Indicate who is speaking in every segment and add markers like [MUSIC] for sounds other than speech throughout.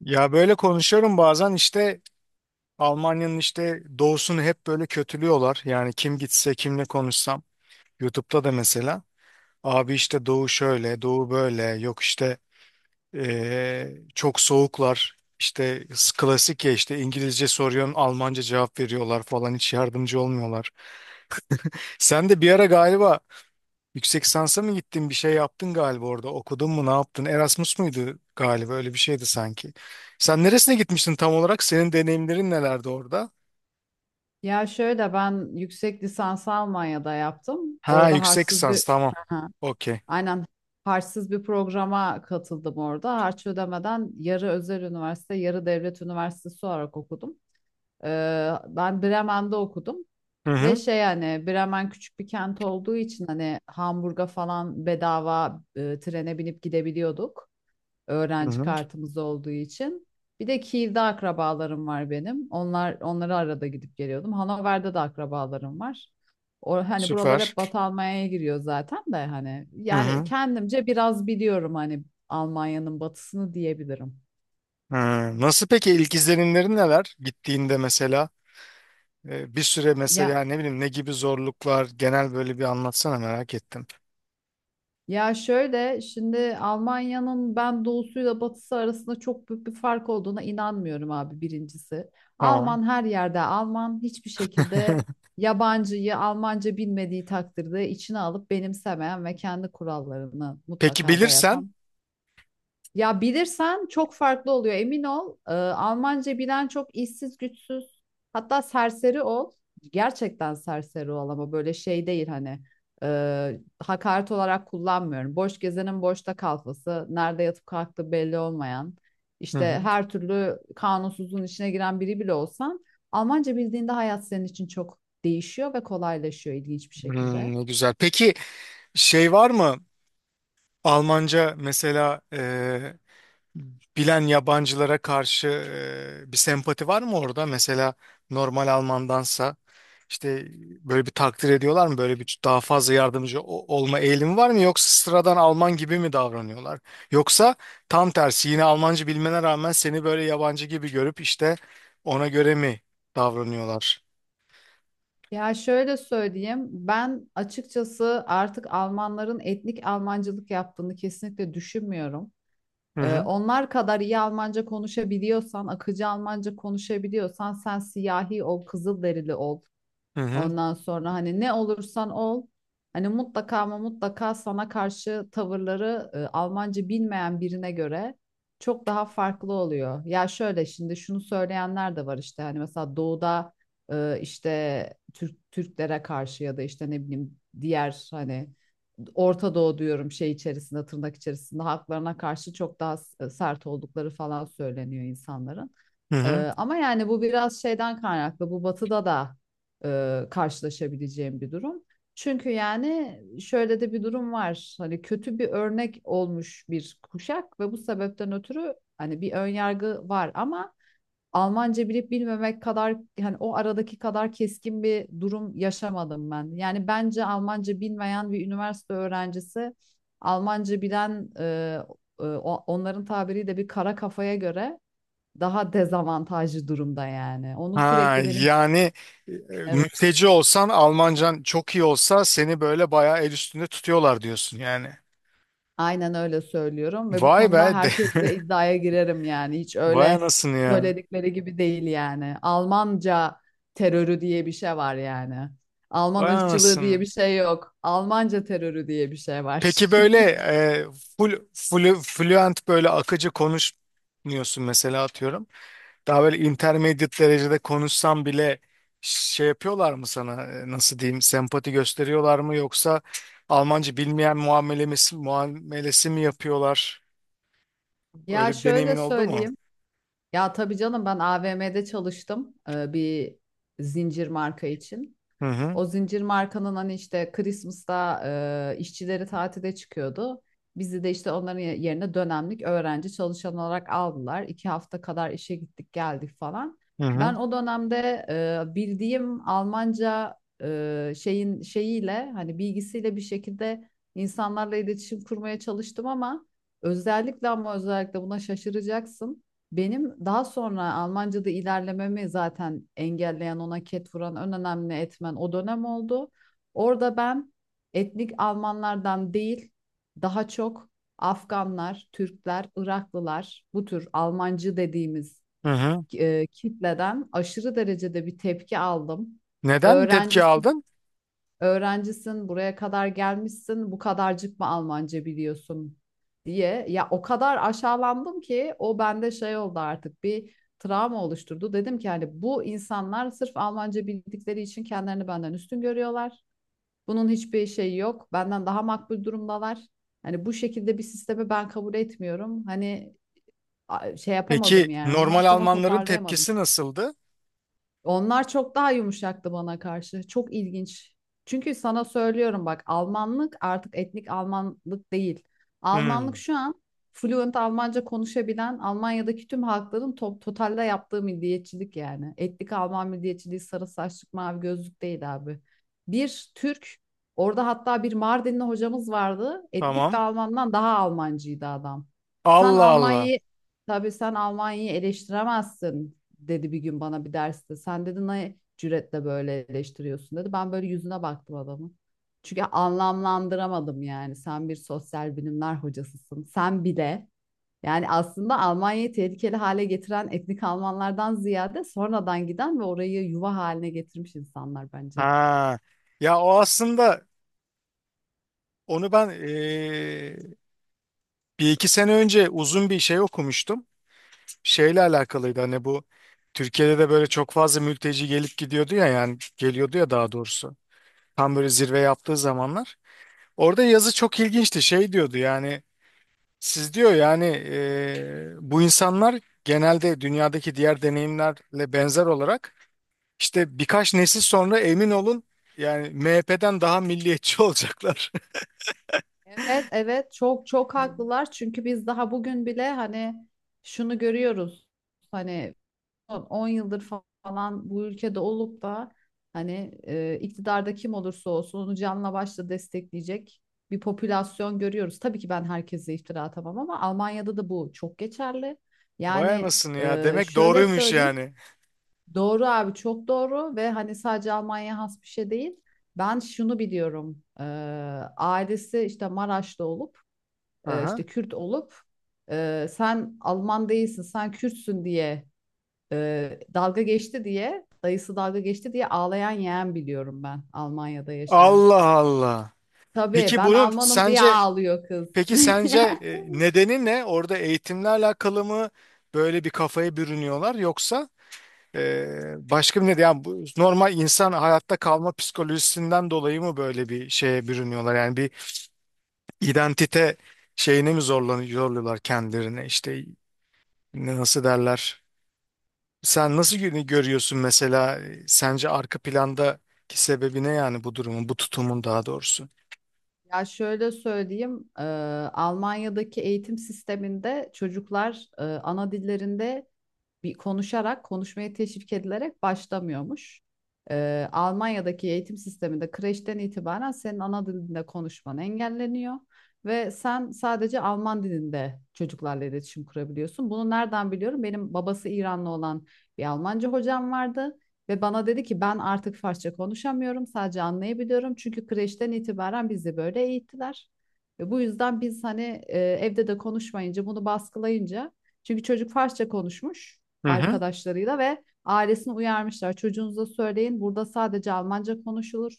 Speaker 1: Ya böyle konuşuyorum bazen işte. Almanya'nın işte doğusunu hep böyle kötülüyorlar. Yani kim gitse kimle konuşsam YouTube'da da mesela abi işte doğu şöyle doğu böyle yok işte çok soğuklar işte klasik ya işte İngilizce soruyorsun Almanca cevap veriyorlar falan hiç yardımcı olmuyorlar. Sen de bir ara galiba yüksek lisansa mı gittin bir şey yaptın galiba orada okudun mu ne yaptın Erasmus muydu galiba öyle bir şeydi sanki. Sen neresine gitmiştin tam olarak senin deneyimlerin nelerdi orada?
Speaker 2: Ya şöyle ben yüksek lisansı Almanya'da yaptım.
Speaker 1: Ha
Speaker 2: Orada
Speaker 1: yüksek
Speaker 2: harçsız bir...
Speaker 1: lisans, tamam,
Speaker 2: Aha,
Speaker 1: okey.
Speaker 2: aynen, harçsız bir programa katıldım orada. Harç ödemeden yarı özel üniversite, yarı devlet üniversitesi olarak okudum. Ben Bremen'de okudum
Speaker 1: Hı
Speaker 2: ve
Speaker 1: hı,
Speaker 2: şey, hani Bremen küçük bir kent olduğu için hani Hamburg'a falan bedava trene binip gidebiliyorduk,
Speaker 1: hı
Speaker 2: öğrenci
Speaker 1: hı.
Speaker 2: kartımız olduğu için. Bir de Kiev'de akrabalarım var benim. Onlar, onları arada gidip geliyordum. Hanover'de de akrabalarım var. O hani buralar
Speaker 1: Süper.
Speaker 2: hep Batı Almanya'ya giriyor zaten de hani
Speaker 1: Hı
Speaker 2: yani
Speaker 1: hı.
Speaker 2: kendimce biraz biliyorum hani, Almanya'nın batısını diyebilirim.
Speaker 1: Hı. Nasıl peki ilk izlenimlerin neler gittiğinde mesela bir süre
Speaker 2: Ya
Speaker 1: mesela ne bileyim ne gibi zorluklar genel böyle bir anlatsana merak ettim.
Speaker 2: Ya şöyle, şimdi Almanya'nın ben doğusuyla batısı arasında çok büyük bir fark olduğuna inanmıyorum abi, birincisi.
Speaker 1: Tamam.
Speaker 2: Alman her yerde Alman, hiçbir şekilde
Speaker 1: [LAUGHS]
Speaker 2: yabancıyı Almanca bilmediği takdirde içine alıp benimsemeyen ve kendi kurallarını
Speaker 1: Peki
Speaker 2: mutlaka
Speaker 1: bilirsen.
Speaker 2: dayatan... Ya bilirsen çok farklı oluyor, emin ol. Almanca bilen çok işsiz güçsüz, hatta serseri ol. Gerçekten serseri ol, ama böyle şey değil hani, hakaret olarak kullanmıyorum. Boş gezenin boşta kalfası, nerede yatıp kalktığı belli olmayan,
Speaker 1: Hı
Speaker 2: işte
Speaker 1: hı.
Speaker 2: her türlü kanunsuzluğun içine giren biri bile olsan, Almanca bildiğinde hayat senin için çok değişiyor ve kolaylaşıyor ilginç bir şekilde.
Speaker 1: Hmm, ne güzel. Peki şey var mı? Almanca mesela bilen yabancılara karşı bir sempati var mı orada? Mesela normal Almandansa işte böyle bir takdir ediyorlar mı? Böyle bir daha fazla yardımcı olma eğilimi var mı? Yoksa sıradan Alman gibi mi davranıyorlar? Yoksa tam tersi yine Almanca bilmene rağmen seni böyle yabancı gibi görüp işte ona göre mi davranıyorlar?
Speaker 2: Ya şöyle söyleyeyim, ben açıkçası artık Almanların etnik Almancılık yaptığını kesinlikle düşünmüyorum.
Speaker 1: Hı hı.
Speaker 2: Onlar kadar iyi Almanca konuşabiliyorsan, akıcı Almanca konuşabiliyorsan, sen siyahi ol, kızılderili ol.
Speaker 1: Hı hı.
Speaker 2: Ondan sonra hani ne olursan ol, hani mutlaka ama mutlaka sana karşı tavırları Almanca bilmeyen birine göre çok daha farklı oluyor. Ya şöyle şimdi şunu söyleyenler de var, işte hani mesela doğuda işte Türklere karşı, ya da işte ne bileyim diğer hani Orta Doğu diyorum, şey içerisinde, tırnak içerisinde, haklarına karşı çok daha sert oldukları falan söyleniyor insanların.
Speaker 1: Hı hı.
Speaker 2: Ama yani bu biraz şeyden kaynaklı. Bu batıda da karşılaşabileceğim bir durum. Çünkü yani şöyle de bir durum var. Hani kötü bir örnek olmuş bir kuşak ve bu sebepten ötürü hani bir önyargı var, ama Almanca bilip bilmemek kadar, hani o aradaki kadar keskin bir durum yaşamadım ben. Yani bence Almanca bilmeyen bir üniversite öğrencisi, Almanca bilen onların tabiriyle bir kara kafaya göre daha dezavantajlı durumda yani. Onu
Speaker 1: Ha
Speaker 2: sürekli benim...
Speaker 1: yani e, e,
Speaker 2: Evet,
Speaker 1: mülteci olsan Almancan çok iyi olsa seni böyle bayağı el üstünde tutuyorlar diyorsun yani.
Speaker 2: aynen öyle söylüyorum ve bu
Speaker 1: Vay be.
Speaker 2: konuda
Speaker 1: [LAUGHS]
Speaker 2: herkesle iddiaya girerim yani. Hiç
Speaker 1: Vay
Speaker 2: öyle
Speaker 1: anasını ya.
Speaker 2: söyledikleri gibi değil yani. Almanca terörü diye bir şey var yani. Alman
Speaker 1: Vay
Speaker 2: ırkçılığı diye
Speaker 1: anasını.
Speaker 2: bir şey yok. Almanca terörü diye bir şey var.
Speaker 1: Peki böyle
Speaker 2: [LAUGHS]
Speaker 1: full, full, fluent böyle akıcı konuşmuyorsun mesela atıyorum. Daha böyle intermediate derecede konuşsan bile şey yapıyorlar mı sana, nasıl diyeyim, sempati gösteriyorlar mı yoksa Almanca bilmeyen muamelesi mi yapıyorlar?
Speaker 2: Ya
Speaker 1: Öyle bir deneyimin
Speaker 2: şöyle
Speaker 1: oldu mu?
Speaker 2: söyleyeyim. Ya tabii canım, ben AVM'de çalıştım bir zincir marka için.
Speaker 1: Hı hı,
Speaker 2: O zincir markanın hani işte Christmas'ta işçileri tatile çıkıyordu. Bizi de işte onların yerine dönemlik öğrenci çalışan olarak aldılar. İki hafta kadar işe gittik geldik falan.
Speaker 1: hı hı,
Speaker 2: Ben o dönemde bildiğim Almanca şeyin şeyiyle, hani bilgisiyle bir şekilde insanlarla iletişim kurmaya çalıştım, ama özellikle buna şaşıracaksın. Benim daha sonra Almanca'da ilerlememi zaten engelleyen, ona ket vuran en önemli etmen o dönem oldu. Orada ben etnik Almanlardan değil, daha çok Afganlar, Türkler, Iraklılar, bu tür Almancı dediğimiz
Speaker 1: hı hı.
Speaker 2: kitleden aşırı derecede bir tepki aldım.
Speaker 1: Neden tepki
Speaker 2: Öğrencisi
Speaker 1: aldın?
Speaker 2: Öğrencisin, buraya kadar gelmişsin, bu kadarcık mı Almanca biliyorsun diye. Ya o kadar aşağılandım ki o bende şey oldu, artık bir travma oluşturdu. Dedim ki, hani bu insanlar sırf Almanca bildikleri için kendilerini benden üstün görüyorlar. Bunun hiçbir şeyi yok. Benden daha makbul durumdalar. Hani bu şekilde bir sistemi ben kabul etmiyorum. Hani şey
Speaker 1: Peki
Speaker 2: yapamadım yani. Ondan
Speaker 1: normal
Speaker 2: sonra
Speaker 1: Almanların
Speaker 2: toparlayamadım.
Speaker 1: tepkisi nasıldı?
Speaker 2: Onlar çok daha yumuşaktı bana karşı. Çok ilginç. Çünkü sana söylüyorum bak, Almanlık artık etnik Almanlık değil.
Speaker 1: Hı.
Speaker 2: Almanlık şu an fluent Almanca konuşabilen Almanya'daki tüm halkların totalde yaptığı milliyetçilik yani. Etnik Alman milliyetçiliği sarı saçlık, mavi gözlük değil abi. Bir Türk orada, hatta bir Mardinli hocamız vardı. Etnik bir
Speaker 1: Tamam.
Speaker 2: Almandan daha Almancıydı adam. Sen
Speaker 1: Allah Allah.
Speaker 2: Almanya'yı Tabii sen Almanya'yı eleştiremezsin, dedi bir gün bana bir derste. Sen, dedi, ne cüretle böyle eleştiriyorsun, dedi. Ben böyle yüzüne baktım adamın. Çünkü anlamlandıramadım yani. Sen bir sosyal bilimler hocasısın. Sen bile... Yani aslında Almanya'yı tehlikeli hale getiren etnik Almanlardan ziyade sonradan giden ve orayı yuva haline getirmiş insanlar bence.
Speaker 1: Ha. Ya o aslında onu ben bir iki sene önce uzun bir şey okumuştum. Şeyle alakalıydı hani bu Türkiye'de de böyle çok fazla mülteci gelip gidiyordu ya, yani geliyordu ya daha doğrusu. Tam böyle zirve yaptığı zamanlar. Orada yazı çok ilginçti. Şey diyordu yani, siz diyor yani, bu insanlar genelde dünyadaki diğer deneyimlerle benzer olarak İşte birkaç nesil sonra emin olun yani MHP'den daha milliyetçi olacaklar.
Speaker 2: Evet, evet, çok çok haklılar çünkü biz daha bugün bile hani şunu görüyoruz. Hani son 10 yıldır falan bu ülkede olup da hani iktidarda kim olursa olsun onu canla başla destekleyecek bir popülasyon görüyoruz. Tabii ki ben herkese iftira atamam, ama Almanya'da da bu çok geçerli.
Speaker 1: [LAUGHS] Vay
Speaker 2: Yani
Speaker 1: anasını ya, demek
Speaker 2: şöyle
Speaker 1: doğruymuş
Speaker 2: söyleyeyim.
Speaker 1: yani.
Speaker 2: Doğru abi, çok doğru ve hani sadece Almanya'ya has bir şey değil. Ben şunu biliyorum. Ailesi işte Maraşlı olup
Speaker 1: Aha.
Speaker 2: işte Kürt olup, sen Alman değilsin sen Kürtsün diye dalga geçti diye, dayısı dalga geçti diye ağlayan yeğen biliyorum ben, Almanya'da yaşayan.
Speaker 1: Allah Allah.
Speaker 2: Tabii
Speaker 1: Peki
Speaker 2: ben
Speaker 1: bunun
Speaker 2: Almanım diye
Speaker 1: sence
Speaker 2: ağlıyor kız.
Speaker 1: peki sence
Speaker 2: [LAUGHS]
Speaker 1: nedeni ne? Orada eğitimle alakalı mı böyle bir kafaya bürünüyorlar, yoksa e, başka bir neden? Yani bu normal insan hayatta kalma psikolojisinden dolayı mı böyle bir şeye bürünüyorlar? Yani bir identite şeyine mi zorluyorlar kendilerine işte nasıl derler? Sen nasıl görüyorsun mesela, sence arka plandaki sebebi ne yani bu bu tutumun daha doğrusu?
Speaker 2: Ya şöyle söyleyeyim, Almanya'daki eğitim sisteminde çocuklar ana dillerinde konuşarak, konuşmaya teşvik edilerek başlamıyormuş. Almanya'daki eğitim sisteminde kreşten itibaren senin ana dilinde konuşman engelleniyor ve sen sadece Alman dilinde çocuklarla iletişim kurabiliyorsun. Bunu nereden biliyorum? Benim babası İranlı olan bir Almanca hocam vardı ve bana dedi ki, ben artık Farsça konuşamıyorum, sadece anlayabiliyorum. Çünkü kreşten itibaren bizi böyle eğittiler. Ve bu yüzden biz hani evde de konuşmayınca, bunu baskılayınca, çünkü çocuk Farsça konuşmuş
Speaker 1: Hı hı.
Speaker 2: arkadaşlarıyla ve ailesini uyarmışlar. Çocuğunuza söyleyin, burada sadece Almanca konuşulur.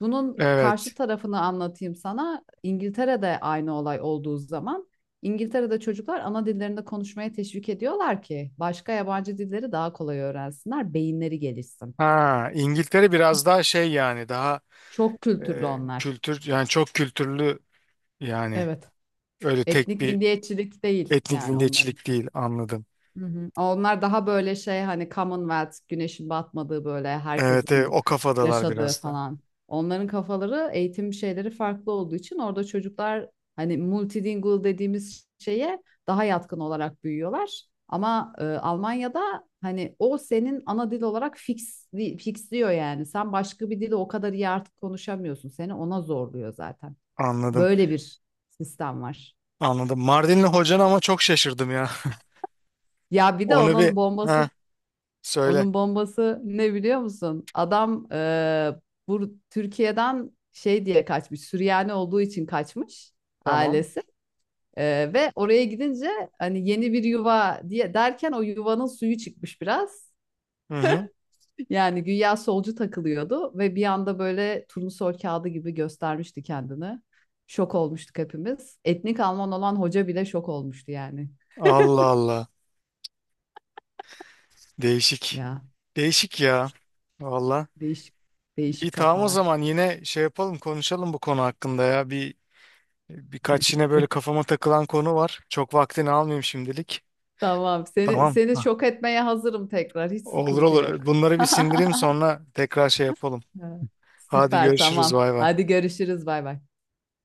Speaker 2: Bunun
Speaker 1: Evet.
Speaker 2: karşı tarafını anlatayım sana. İngiltere'de aynı olay olduğu zaman, İngiltere'de çocuklar ana dillerinde konuşmaya teşvik ediyorlar ki başka yabancı dilleri daha kolay öğrensinler, beyinleri gelişsin.
Speaker 1: Ha, İngiltere biraz daha şey yani daha
Speaker 2: Çok kültürlü onlar.
Speaker 1: kültür yani çok kültürlü yani,
Speaker 2: Evet.
Speaker 1: öyle tek
Speaker 2: Etnik
Speaker 1: bir
Speaker 2: milliyetçilik değil
Speaker 1: etnik
Speaker 2: yani onların.
Speaker 1: milliyetçilik değil, anladım.
Speaker 2: Hı hı. Onlar daha böyle şey, hani Commonwealth, güneşin batmadığı, böyle
Speaker 1: Evet, evet,
Speaker 2: herkesin
Speaker 1: o kafadalar
Speaker 2: yaşadığı
Speaker 1: biraz da.
Speaker 2: falan. Onların kafaları, eğitim şeyleri farklı olduğu için orada çocuklar hani multilingual dediğimiz şeye daha yatkın olarak büyüyorlar. Ama Almanya'da hani o senin ana dil olarak fixliyor yani. Sen başka bir dili o kadar iyi artık konuşamıyorsun. Seni ona zorluyor zaten.
Speaker 1: Anladım.
Speaker 2: Böyle bir sistem var.
Speaker 1: Anladım. Mardinli hocan ama, çok şaşırdım ya.
Speaker 2: Ya
Speaker 1: [LAUGHS]
Speaker 2: bir de
Speaker 1: Onu bir,
Speaker 2: onun bombası...
Speaker 1: ha, söyle.
Speaker 2: Onun bombası ne biliyor musun? Adam bu Türkiye'den şey diye kaçmış. Süryani olduğu için kaçmış
Speaker 1: Tamam.
Speaker 2: ailesi. Ve oraya gidince hani yeni bir yuva diye derken, o yuvanın suyu çıkmış biraz.
Speaker 1: Hı hı.
Speaker 2: Yani güya solcu takılıyordu ve bir anda böyle turnusol kağıdı gibi göstermişti kendini. Şok olmuştuk hepimiz. Etnik Alman olan hoca bile şok olmuştu yani.
Speaker 1: Allah Allah. Değişik.
Speaker 2: Ya
Speaker 1: Değişik ya. Valla.
Speaker 2: değişik,
Speaker 1: İyi
Speaker 2: değişik
Speaker 1: tamam, o
Speaker 2: kafalar.
Speaker 1: zaman yine şey yapalım, konuşalım bu konu hakkında ya. Birkaç yine böyle kafama takılan konu var. Çok vaktini almayayım şimdilik.
Speaker 2: Tamam.
Speaker 1: Tamam.
Speaker 2: Seni
Speaker 1: Hah.
Speaker 2: şok etmeye hazırım tekrar. Hiç
Speaker 1: Olur
Speaker 2: sıkıntı
Speaker 1: olur.
Speaker 2: yok.
Speaker 1: Bunları bir
Speaker 2: [LAUGHS]
Speaker 1: sindireyim, sonra tekrar şey yapalım.
Speaker 2: Evet.
Speaker 1: Hadi
Speaker 2: Süper,
Speaker 1: görüşürüz.
Speaker 2: tamam.
Speaker 1: Bay bay.
Speaker 2: Hadi görüşürüz. Bay bay.